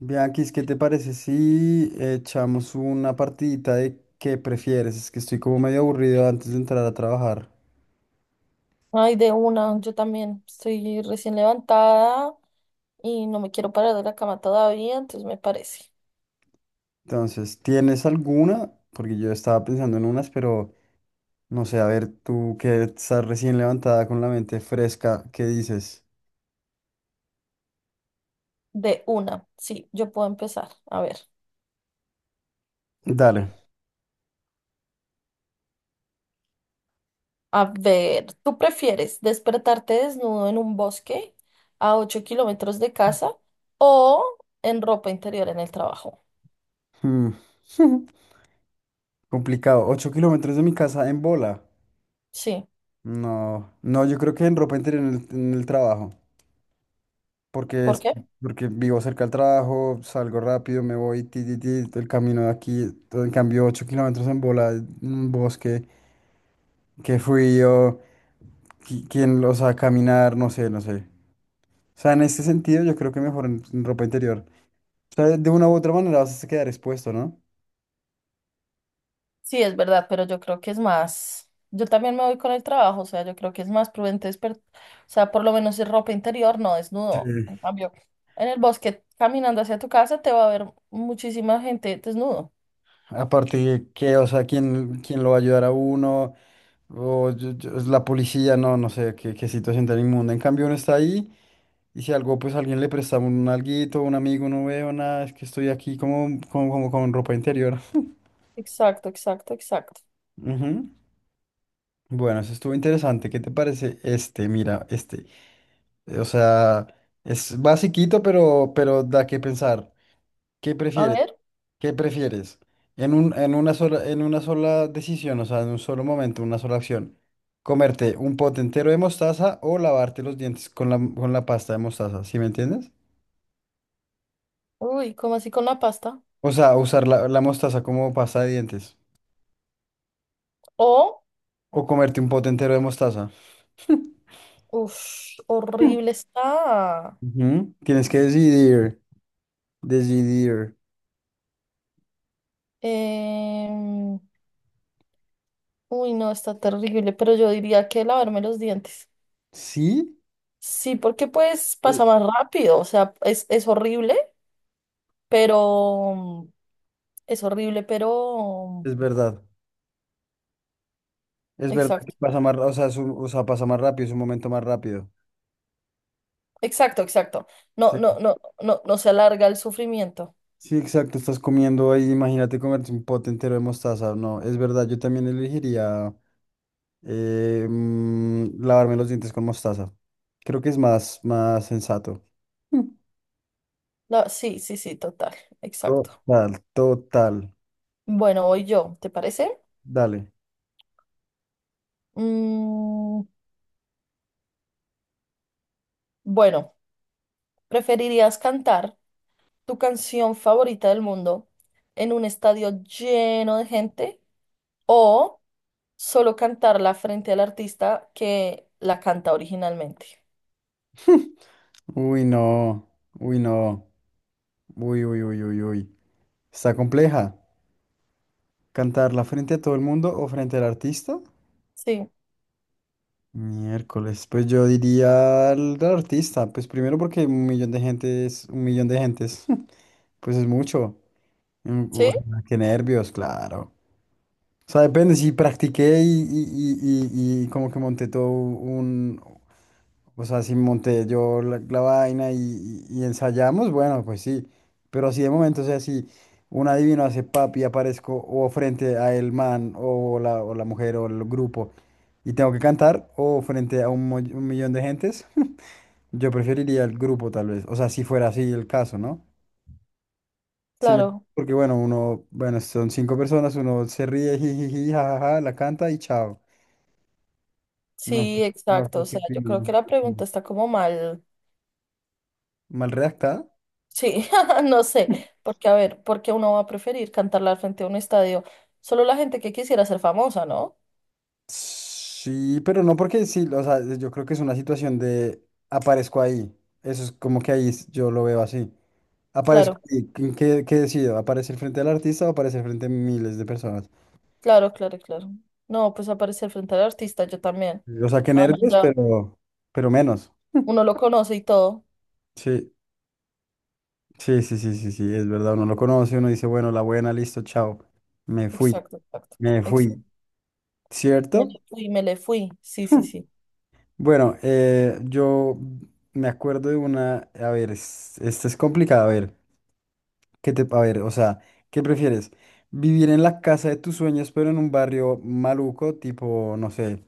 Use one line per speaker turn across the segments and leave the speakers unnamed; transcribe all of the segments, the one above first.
Bianquis, ¿qué te parece si echamos una partidita de qué prefieres? Es que estoy como medio aburrido antes de entrar a trabajar.
Ay, de una, yo también estoy recién levantada y no me quiero parar de la cama todavía, entonces me parece.
Entonces, ¿tienes alguna? Porque yo estaba pensando en unas, pero no sé, a ver, tú que estás recién levantada con la mente fresca, ¿qué dices?
De una, sí, yo puedo empezar. A ver,
Dale.
¿tú prefieres despertarte desnudo en un bosque a 8 kilómetros de casa o en ropa interior en el trabajo?
Mm. Complicado. ¿Ocho kilómetros de mi casa en bola?
Sí,
No, no, yo creo que en ropa interior en el trabajo. porque,
¿por
es-
qué?
Porque vivo cerca del trabajo, salgo rápido, me voy, ti, ti, ti, el camino de aquí, todo, en cambio 8 kilómetros en bola, en un bosque, qué frío, quién los a caminar, no sé, no sé. O sea, en este sentido yo creo que mejor en ropa interior. O sea, de una u otra manera vas a quedar expuesto, ¿no?
Sí, es verdad, pero yo creo que es más, yo también me voy con el trabajo, o sea, yo creo que es más prudente o sea, por lo menos es ropa interior, no desnudo.
Sí.
En cambio, en el bosque, caminando hacia tu casa, te va a ver muchísima gente desnudo.
Aparte que, o sea, ¿quién lo va a ayudar a uno? Es la policía, no, no sé, qué situación tan inmunda. En cambio uno está ahí. Y si algo, pues alguien le presta un alguito, un amigo, no veo nada, es que estoy aquí como con ropa interior.
Exacto, exacto, exacto.
Ujú. Bueno, eso estuvo interesante. ¿Qué te parece este? Mira, este. O sea, es basiquito, pero da que pensar. ¿Qué
A
prefieres?
ver,
¿Qué prefieres? En una sola, en una sola decisión, o sea, en un solo momento, una sola acción. ¿Comerte un pote entero de mostaza o lavarte los dientes con la pasta de mostaza? ¿Sí me entiendes?
uy, ¿cómo así con la pasta?
O sea, usar la mostaza como pasta de dientes.
O,
O comerte un pote entero de mostaza.
uff, horrible está.
Ujú. Tienes que decidir.
Em, Uy, no, está terrible, pero yo diría que lavarme los dientes.
Sí.
Sí, porque pues
Mm.
pasa más rápido, o sea, es horrible, pero es horrible, pero
Es verdad. Es verdad que
exacto,
pasa más, o sea, o sea, pasa más rápido, es un momento más rápido.
exacto, exacto. No, no,
Sí,
no, no, no se alarga el sufrimiento.
sí, exacto, estás comiendo ahí, imagínate comerte un pote entero de mostaza. No, es verdad, yo también elegiría lavarme los dientes con mostaza. Creo que es más, más sensato. Mm.
No, sí, sí, sí, total, exacto.
Total, total.
Bueno, voy yo, ¿te parece?
Dale.
Mm, bueno, ¿preferirías cantar tu canción favorita del mundo en un estadio lleno de gente o solo cantarla frente al artista que la canta originalmente?
Uy, no. Uy, no. Uy, uy, uy, uy, uy. Está compleja. ¿Cantarla frente a todo el mundo o frente al artista?
Sí,
Miércoles. Pues yo diría al artista. Pues primero porque un millón de gentes, un millón de gentes. Pues es mucho. Mm,
sí,
uf, qué nervios, claro. O sea, depende, si practiqué y como que monté todo un... O sea, si monté yo la vaina y ensayamos, bueno, pues sí. Pero así de momento, o sea, si un adivino hace papi, aparezco o frente a el man o la mujer o el grupo y tengo que cantar o frente a un millón de gentes, yo preferiría el grupo tal vez. O sea, si fuera así el caso, ¿no? Si me-
claro.
Porque bueno, uno, bueno, son 5 personas, uno se ríe, jijiji, jajaja, la canta y chao. No,
Sí,
no
exacto. O
sé qué
sea, yo
opino.
creo que la pregunta
No.
está como mal.
Mal redactada.
Sí, no sé. Porque, a ver, ¿por qué uno va a preferir cantarla al frente a un estadio? Solo la gente que quisiera ser famosa, ¿no?
Sí, pero no porque sí, o sea, yo creo que es una situación de aparezco ahí. Eso es como que yo lo veo así. Aparezco
Claro,
ahí. ¿Qué, qué decido? ¿Aparecer frente al artista o aparecer frente a miles de personas?
claro, claro, claro. No, pues aparecer frente al artista, yo también.
O sea, que
Ah, no,
nervios,
ya.
pero menos.
Uno lo conoce y todo.
Sí, sí, sí, sí, sí, sí, es verdad. Uno lo conoce, uno dice, bueno, la buena, listo, chao. Me fui,
Exacto, exacto,
me
exacto.
fui.
Me le
¿Cierto?
fui, me le fui. Sí, sí, sí.
Bueno, yo me acuerdo de una, a ver, esta es complicada, a ver. ¿Qué te, a ver, o sea, ¿qué prefieres? ¿Vivir en la casa de tus sueños, pero en un barrio maluco, tipo, no sé,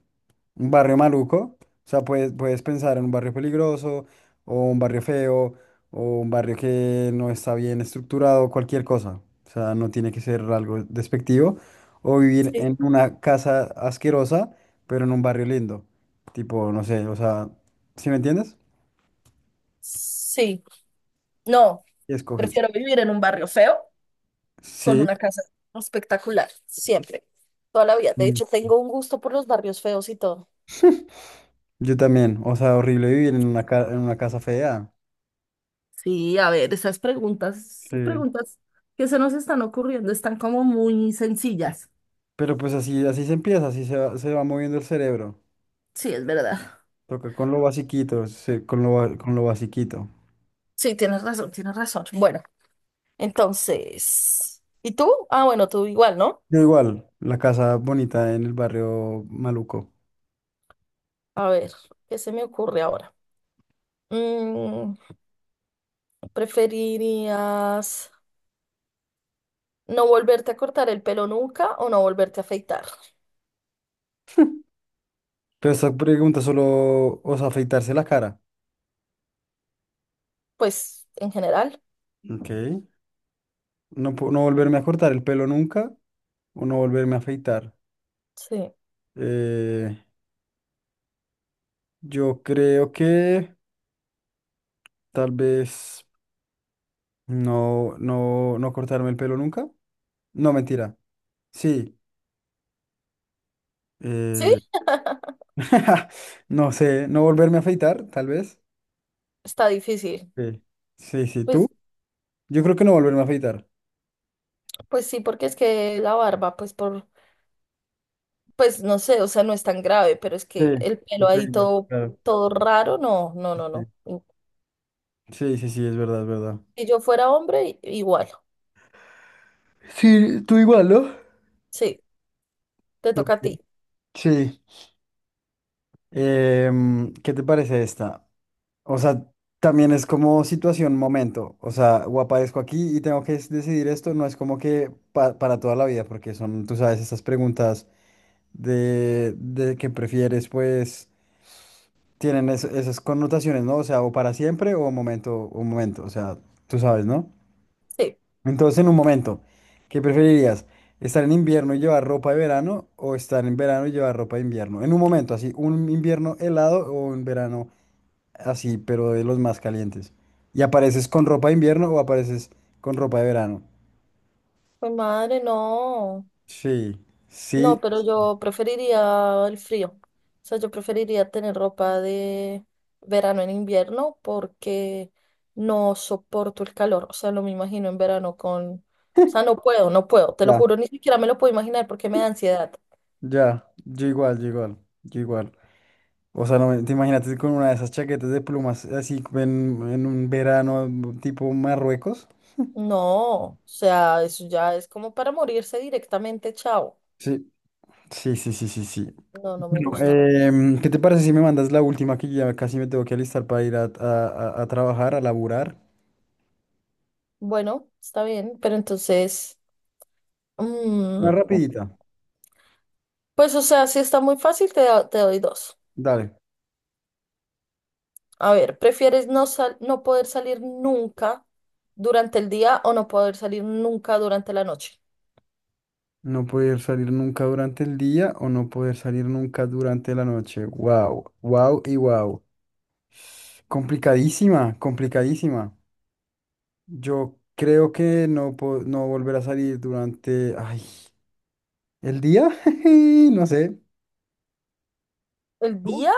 un barrio maluco? O sea, puedes pensar en un barrio peligroso, o un barrio feo, o un barrio que no está bien estructurado, cualquier cosa. O sea, no tiene que ser algo despectivo. O vivir
Sí.
en una casa asquerosa, pero en un barrio lindo. Tipo, no sé, o sea, ¿sí me entiendes?
Sí. No,
¿Qué escoges?
prefiero vivir en un barrio feo con
Sí.
una casa espectacular, siempre, toda la vida. De hecho, tengo un gusto por los barrios feos y todo.
Yo también, o sea, horrible vivir en una, en una casa fea.
Sí, a ver, esas
Sí.
preguntas que se nos están ocurriendo están como muy sencillas.
Pero pues así, así se empieza, así se va moviendo el cerebro.
Sí, es verdad.
Toca con lo basiquito, con lo basiquito.
Sí, tienes razón, tienes razón. Bueno, entonces, ¿y tú? Ah, bueno, tú igual, ¿no?
Yo igual, la casa bonita en el barrio maluco.
A ver, ¿qué se me ocurre ahora? Mm, ¿preferirías no volverte a cortar el pelo nunca o no volverte a afeitar?
Pero esta pregunta solo, o sea, afeitarse la cara.
Pues, en general,
Ok. No volverme a cortar el pelo nunca o no volverme a afeitar.
sí.
Eh, yo creo que tal vez no cortarme el pelo nunca. No, mentira. Sí,
¿Sí?
eh, no sé, no volverme a afeitar, tal vez.
Está difícil.
Sí, sí, sí, ¿tú?
Pues,
Yo creo que no volverme a afeitar.
pues sí, porque es que la barba, pues no sé, o sea, no es tan grave, pero es
Sí,
que el pelo ahí
depende,
todo,
claro.
todo raro, no, no,
Sí,
no,
sí,
no.
sí, sí, sí, es verdad, es verdad.
Si yo fuera hombre, igual.
Sí, tú igual, ¿no?
Sí, te
Ok.
toca a ti.
Sí. ¿Qué te parece esta? O sea, también es como situación, momento. O sea, o aparezco aquí y tengo que decidir esto, no es como que para toda la vida, porque son, tú sabes, estas preguntas de qué prefieres, pues. Esas connotaciones, ¿no? O sea, o para siempre o momento, un momento, o sea, tú sabes, ¿no?
Sí.
Entonces, en un momento, ¿qué preferirías? ¿Estar en invierno y llevar ropa de verano o estar en verano y llevar ropa de invierno? En un momento, así, un invierno helado o un verano así, pero de los más calientes. ¿Y apareces con ropa de invierno o apareces con ropa de verano?
Pues madre, no.
Sí,
No,
sí,
pero yo preferiría el frío. O sea, yo preferiría tener ropa de verano en invierno porque no soporto el calor. O sea, no me imagino en verano con... O sea, no puedo, no puedo. Te lo
ya,
juro, ni siquiera me lo puedo imaginar porque me da ansiedad.
ya, yo igual, yo igual, yo igual. O sea, no, te imagínate con una de esas chaquetas de plumas así en un verano tipo Marruecos.
No, o sea, eso ya es como para morirse directamente, chao.
Sí, sí, sí, sí, sí, sí.
No, no me
Bueno,
gusta, no.
¿qué te parece si me mandas la última que ya casi me tengo que alistar para ir a trabajar, a laburar?
Bueno, está bien, pero entonces... mm,
Una rapidita.
pues, o sea, si está muy fácil, te doy dos.
Dale.
A ver, ¿prefieres no sal- ¿no poder salir nunca durante el día o no poder salir nunca durante la noche?
No poder salir nunca durante el día o no poder salir nunca durante la noche. Wow, wow y wow. Complicadísima, complicadísima. Yo creo que no, no volver a salir durante... Ay. ¿El día? No sé.
El
¿Tú?
día,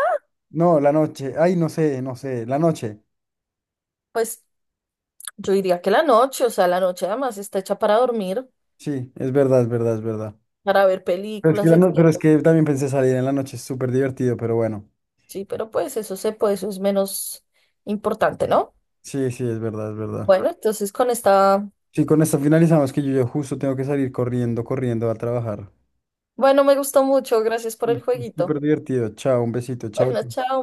No, la noche. Ay, no sé, no sé. La noche.
pues yo diría que la noche, o sea, la noche además está hecha para dormir,
Sí, es verdad, es verdad, es verdad.
para ver
Pero es que,
películas,
la no- pero
etc.
es que también pensé salir en la noche, es súper divertido, pero bueno.
Sí, pero pues eso se puede, eso es menos importante, ¿no?
Sí, sí, es verdad, es verdad.
Bueno, entonces con esta,
Sí, con esto finalizamos que yo justo tengo que salir corriendo a trabajar.
bueno, me gustó mucho, gracias por
Mm,
el jueguito.
súper divertido. Chao, un besito. Chao.
Bueno, chao.